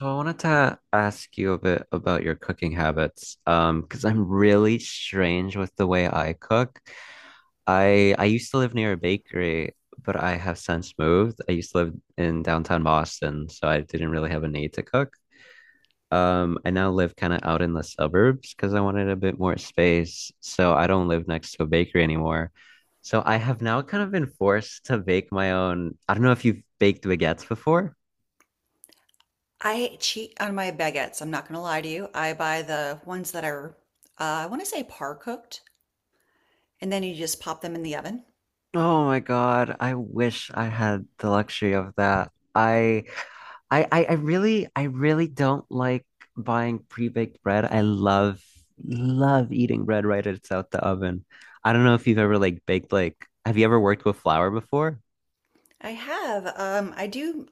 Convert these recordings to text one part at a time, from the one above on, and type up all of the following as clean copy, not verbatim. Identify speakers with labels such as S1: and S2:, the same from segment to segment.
S1: So I wanted to ask you a bit about your cooking habits, because I'm really strange with the way I cook. I used to live near a bakery, but I have since moved. I used to live in downtown Boston, so I didn't really have a need to cook. I now live kind of out in the suburbs because I wanted a bit more space, so I don't live next to a bakery anymore. So I have now kind of been forced to bake my own. I don't know if you've baked baguettes before.
S2: I cheat on my baguettes. I'm not gonna lie to you. I buy the ones that are, I want to say par cooked, and then you just pop them in the oven.
S1: Oh my God, I wish I had the luxury of that. I really don't like buying pre-baked bread. I love love eating bread right as it's out the oven. I don't know if you've ever like baked like have you ever worked with flour before?
S2: I have, I do.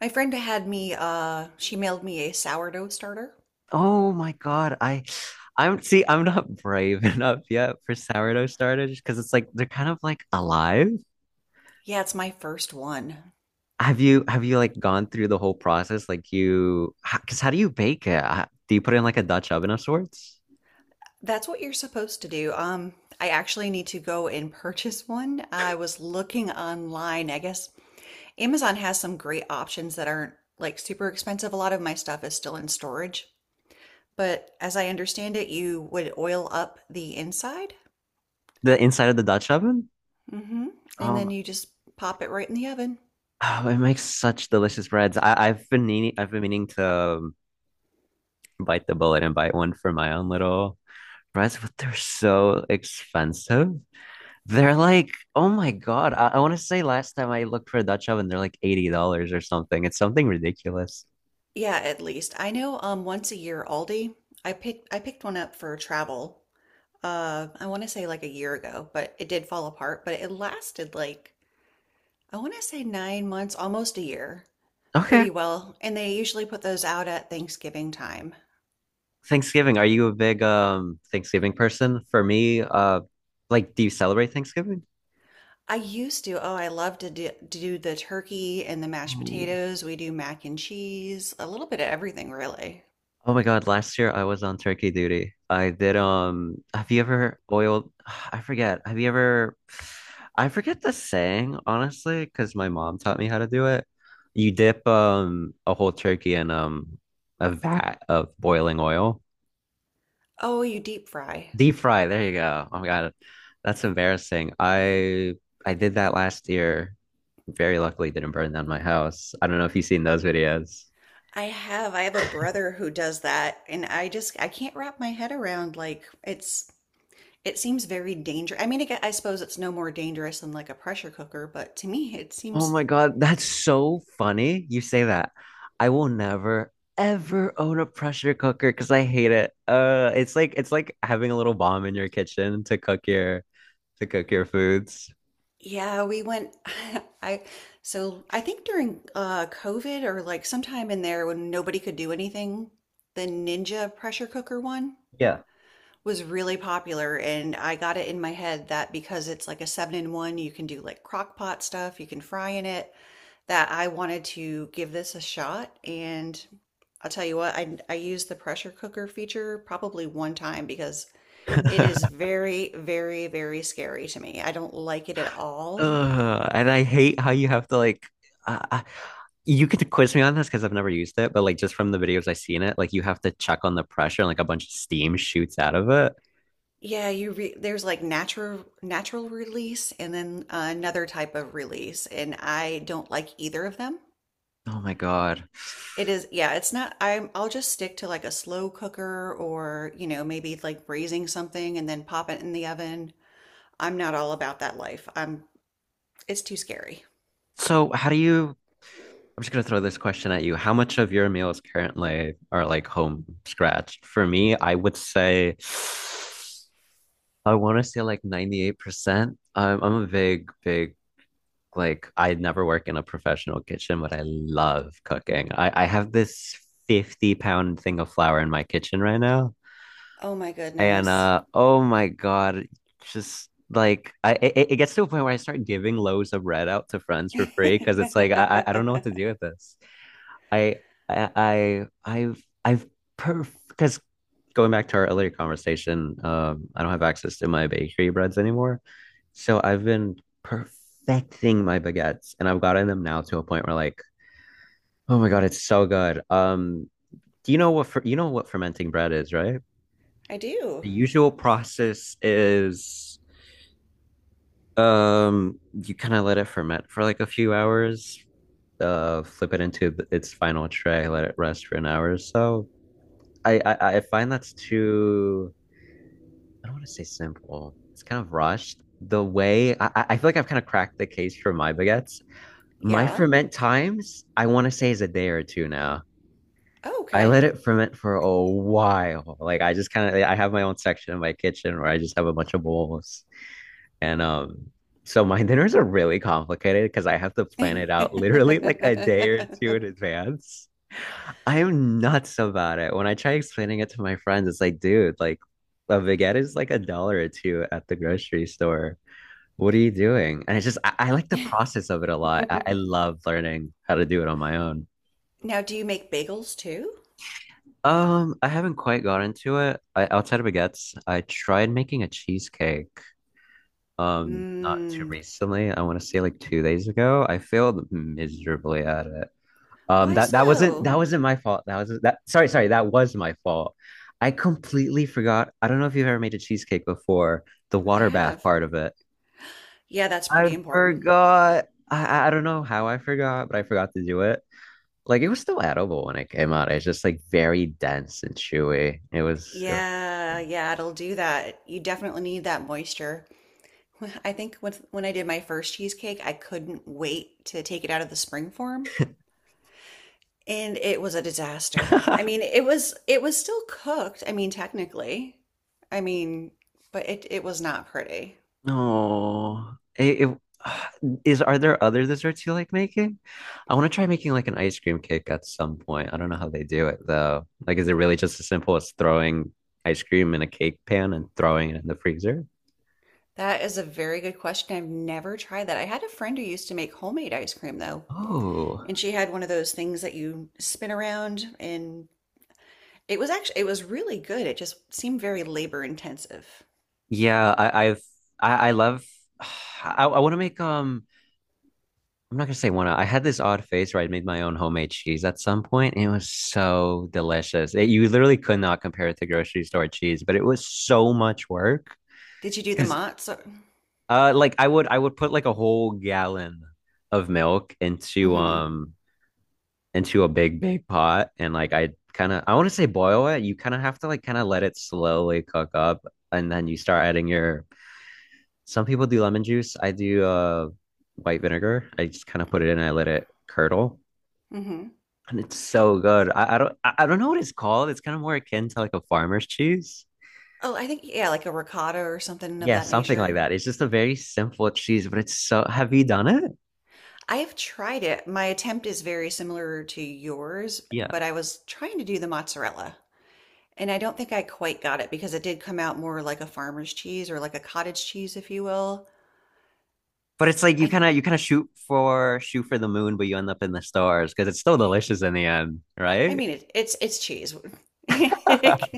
S2: My friend had me, she mailed me a sourdough starter.
S1: Oh my God, I I'm see I'm not brave enough yet for sourdough starters because it's like they're kind of like alive.
S2: Yeah, it's my first one.
S1: Have you like gone through the whole process? Because how do you bake it? Do you put it in like a Dutch oven of sorts?
S2: That's what you're supposed to do. I actually need to go and purchase one. I was looking online. I guess Amazon has some great options that aren't like super expensive. A lot of my stuff is still in storage. But as I understand it, you would oil up the inside.
S1: The inside of the Dutch oven?
S2: Hmm. And then
S1: Um,
S2: you just pop it right in the oven.
S1: oh, it makes such delicious breads. I've been meaning to bite the bullet and buy one for my own little breads, but they're so expensive. They're like, oh my God. I want to say last time I looked for a Dutch oven, they're like $80 or something. It's something ridiculous.
S2: Yeah, at least. I know once a year Aldi, I picked one up for travel. I want to say like a year ago, but it did fall apart, but it lasted like I want to say 9 months, almost a year,
S1: Okay,
S2: pretty well. And they usually put those out at Thanksgiving time.
S1: Thanksgiving, are you a big Thanksgiving person? For me, like do you celebrate Thanksgiving?
S2: I used to. Oh, I love to do the turkey and the mashed
S1: Oh.
S2: potatoes. We do mac and cheese, a little bit of everything, really.
S1: Oh my God, last year I was on turkey duty. I did have you ever oiled I forget. Have you ever I forget the saying, honestly, because my mom taught me how to do it. You dip a whole turkey in a vat of boiling oil.
S2: Oh, you deep fry.
S1: Deep fry. There you go. Oh my God. That's embarrassing. I did that last year. Very luckily didn't burn down my house. I don't know if you've seen those videos.
S2: I have. I have a brother who does that, and I can't wrap my head around like it seems very dangerous. I mean, I suppose it's no more dangerous than like a pressure cooker, but to me it
S1: Oh
S2: seems
S1: my God, that's so funny. You say that. I will never ever own a pressure cooker because I hate it. It's like having a little bomb in your kitchen to cook your foods.
S2: yeah, we went I so I think during COVID or like sometime in there when nobody could do anything, the Ninja pressure cooker one
S1: Yeah.
S2: was really popular and I got it in my head that because it's like a seven in one, you can do like crock pot stuff, you can fry in it, that I wanted to give this a shot. And I'll tell you what, I used the pressure cooker feature probably one time because it is very, very, very scary to me. I don't like it at all.
S1: Ugh, and I hate how you have to like I, I, you could quiz me on this because I've never used it, but like just from the videos I've seen it, like you have to check on the pressure and like a bunch of steam shoots out of it.
S2: Yeah, you re there's like natural release and then another type of release, and I don't like either of them.
S1: Oh my God.
S2: It is, yeah, it's not I'm I'll just stick to like a slow cooker or, you know, maybe like braising something and then pop it in the oven. I'm not all about that life. I'm It's too scary.
S1: So how do you I'm just gonna throw this question at you. How much of your meals currently are like home scratched? For me, I would say I want to say like 98%. I'm a big, big. Like I never work in a professional kitchen, but I love cooking. I have this 50 pound thing of flour in my kitchen right now.
S2: Oh my
S1: And
S2: goodness.
S1: uh oh my God, just like it gets to a point where I start giving loaves of bread out to friends for free because it's like I don't know what to
S2: I
S1: do with this. I I I I've perf because Going back to our earlier conversation, I don't have access to my bakery breads anymore. So I've been perfecting my baguettes and I've gotten them now to a point where like, oh my God, it's so good. Do you know what fer- you know what fermenting bread is, right?
S2: do.
S1: The usual process is you kind of let it ferment for like a few hours, flip it into its final tray, let it rest for an hour or so. I find that's I don't want to say simple. It's kind of rushed. The way I feel like I've kind of cracked the case for my baguettes. My
S2: Yeah.
S1: ferment times, I want to say is a day or two now.
S2: Oh,
S1: I
S2: okay.
S1: let it ferment for a while. Like I just kind of I have my own section in my kitchen where I just have a bunch of bowls. And so my dinners are really complicated because I have to plan it out literally like a day or two in advance. I am nuts about it. When I try explaining it to my friends, it's like, dude, like a baguette is like a dollar or two at the grocery store. What are you doing? And it's just I like the process of it a lot. I love learning how to do it on my own.
S2: Now, do you make bagels too?
S1: I haven't quite got into it. I, outside of baguettes, I tried making a cheesecake. Not too
S2: Mmm.
S1: recently. I want to say like 2 days ago. I failed miserably at it.
S2: Why so?
S1: That wasn't my fault. That was that. Sorry, sorry. That was my fault. I completely forgot. I don't know if you've ever made a cheesecake before. The
S2: I
S1: water bath
S2: have.
S1: part of it.
S2: Yeah, that's
S1: I
S2: pretty important.
S1: forgot. I don't know how I forgot, but I forgot to do it. Like it was still edible when it came out. It's just like very dense and chewy. It
S2: Yeah, yeah, it'll do that. You definitely need that moisture. I think when I did my first cheesecake, I couldn't wait to take it out of the spring form, and it was a disaster. I
S1: was.
S2: mean, it was still cooked. I mean, technically. I mean, but it was not pretty.
S1: No, is. Are there other desserts you like making? I want to try making like an ice cream cake at some point. I don't know how they do it though. Like, is it really just as simple as throwing ice cream in a cake pan and throwing it in the freezer?
S2: That is a very good question. I've never tried that. I had a friend who used to make homemade ice cream though,
S1: Oh,
S2: and she had one of those things that you spin around and it was actually it was really good. It just seemed very labor intensive.
S1: yeah. I love. I want to make I'm not gonna say wanna. I had this odd phase where I made my own homemade cheese at some point, and it was so delicious. It, you literally could not compare it to grocery store cheese, but it was so much work
S2: Did you do the
S1: because
S2: Mott's?
S1: Like I would put like a whole gallon of milk
S2: Mm-hmm.
S1: into a big big pot and like I kind of I want to say boil it. You kind of have to like kind of let it slowly cook up, and then you start adding your, some people do lemon juice. I do white vinegar. I just kind of put it in, I let it curdle,
S2: Mm-hmm.
S1: and it's so good. I don't know what it's called. It's kind of more akin to like a farmer's cheese.
S2: Oh, I think yeah, like a ricotta or something of
S1: Yeah,
S2: that
S1: something like
S2: nature.
S1: that. It's just a very simple cheese, but it's so have you done it?
S2: I have tried it. My attempt is very similar to yours,
S1: Yeah.
S2: but I was trying to do the mozzarella, and I don't think I quite got it because it did come out more like a farmer's cheese or like a cottage cheese, if you will.
S1: But it's like you
S2: I
S1: kind
S2: th
S1: of shoot for the moon, but you end up in the stars because it's still delicious in the end,
S2: I
S1: right?
S2: mean it's cheese.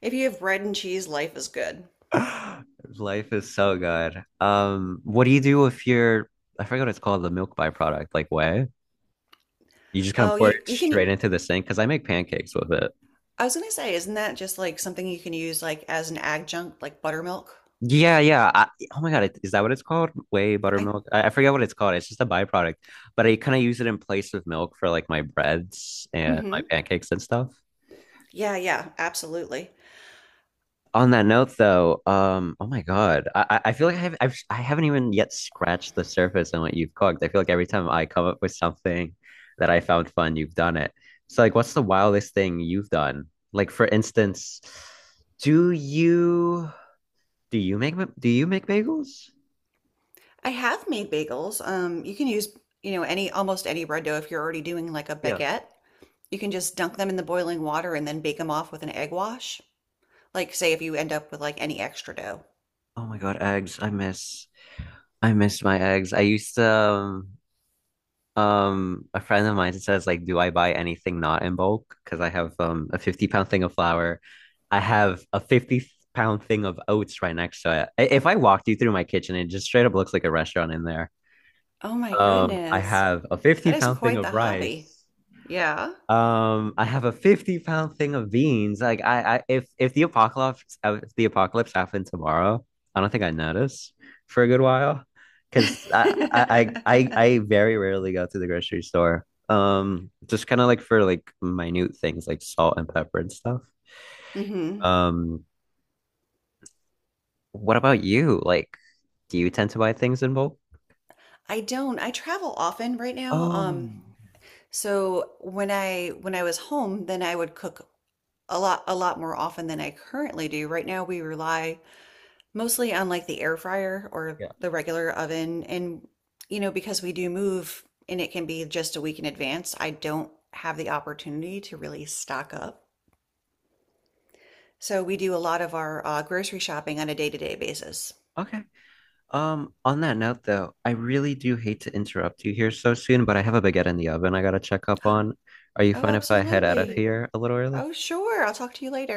S2: If you have bread and cheese, life is good.
S1: Life is so good. What do you do if you're, I forget what it's called, the milk byproduct, like whey? You just kind of
S2: Oh,
S1: pour it
S2: you can.
S1: straight into the sink, because I make pancakes with it.
S2: I was gonna say, isn't that just like something you can use like as an adjunct, like buttermilk?
S1: Yeah, yeah. Oh my God, it- is that what it's called? Whey
S2: I.
S1: buttermilk? I forget what it's called. It's just a byproduct, but I kind of use it in place of milk for like my breads and my
S2: Mhm.
S1: pancakes and stuff.
S2: Yeah, yeah, absolutely.
S1: On that note, though, oh my God, I feel like I haven't even yet scratched the surface on what you've cooked. I feel like every time I come up with something that I found fun, you've done it. So, like, what's the wildest thing you've done? Like, for instance, do you do you make bagels?
S2: I have made bagels. You can use, you know, any almost any bread dough if you're already doing like a
S1: Yeah.
S2: baguette. You can just dunk them in the boiling water and then bake them off with an egg wash. Like, say if you end up with like any extra dough.
S1: Oh my God, eggs! I miss my eggs. I used to. Um, a friend of mine says like, do I buy anything not in bulk? Because I have a 50 pound thing of flour. I have a 50 pound thing of oats right next to it. I- If I walked you through my kitchen, it just straight up looks like a restaurant in there.
S2: Oh my
S1: I
S2: goodness.
S1: have a 50
S2: That is
S1: pound thing
S2: quite
S1: of
S2: the hobby.
S1: rice.
S2: Yeah.
S1: I have a 50 pound thing of beans. Like I If the apocalypse happened tomorrow, I don't think I notice for a good while. Because I I very rarely go to the grocery store. Just kind of like for like minute things like salt and pepper and stuff.
S2: Hmm.
S1: Um, what about you? Like, do you tend to buy things in bulk?
S2: I don't. I travel often right now.
S1: Oh,
S2: So when I was home, then I would cook a lot more often than I currently do. Right now we rely mostly on like the air fryer or
S1: yeah.
S2: the regular oven and you know because we do move and it can be just a week in advance, I don't have the opportunity to really stock up. So we do a lot of our grocery shopping on a day-to-day basis.
S1: Okay. On that note though, I really do hate to interrupt you here so soon, but I have a baguette in the oven I gotta check up on. Are you
S2: Oh,
S1: fine if I head out of
S2: absolutely.
S1: here a little early?
S2: Oh, sure. I'll talk to you later.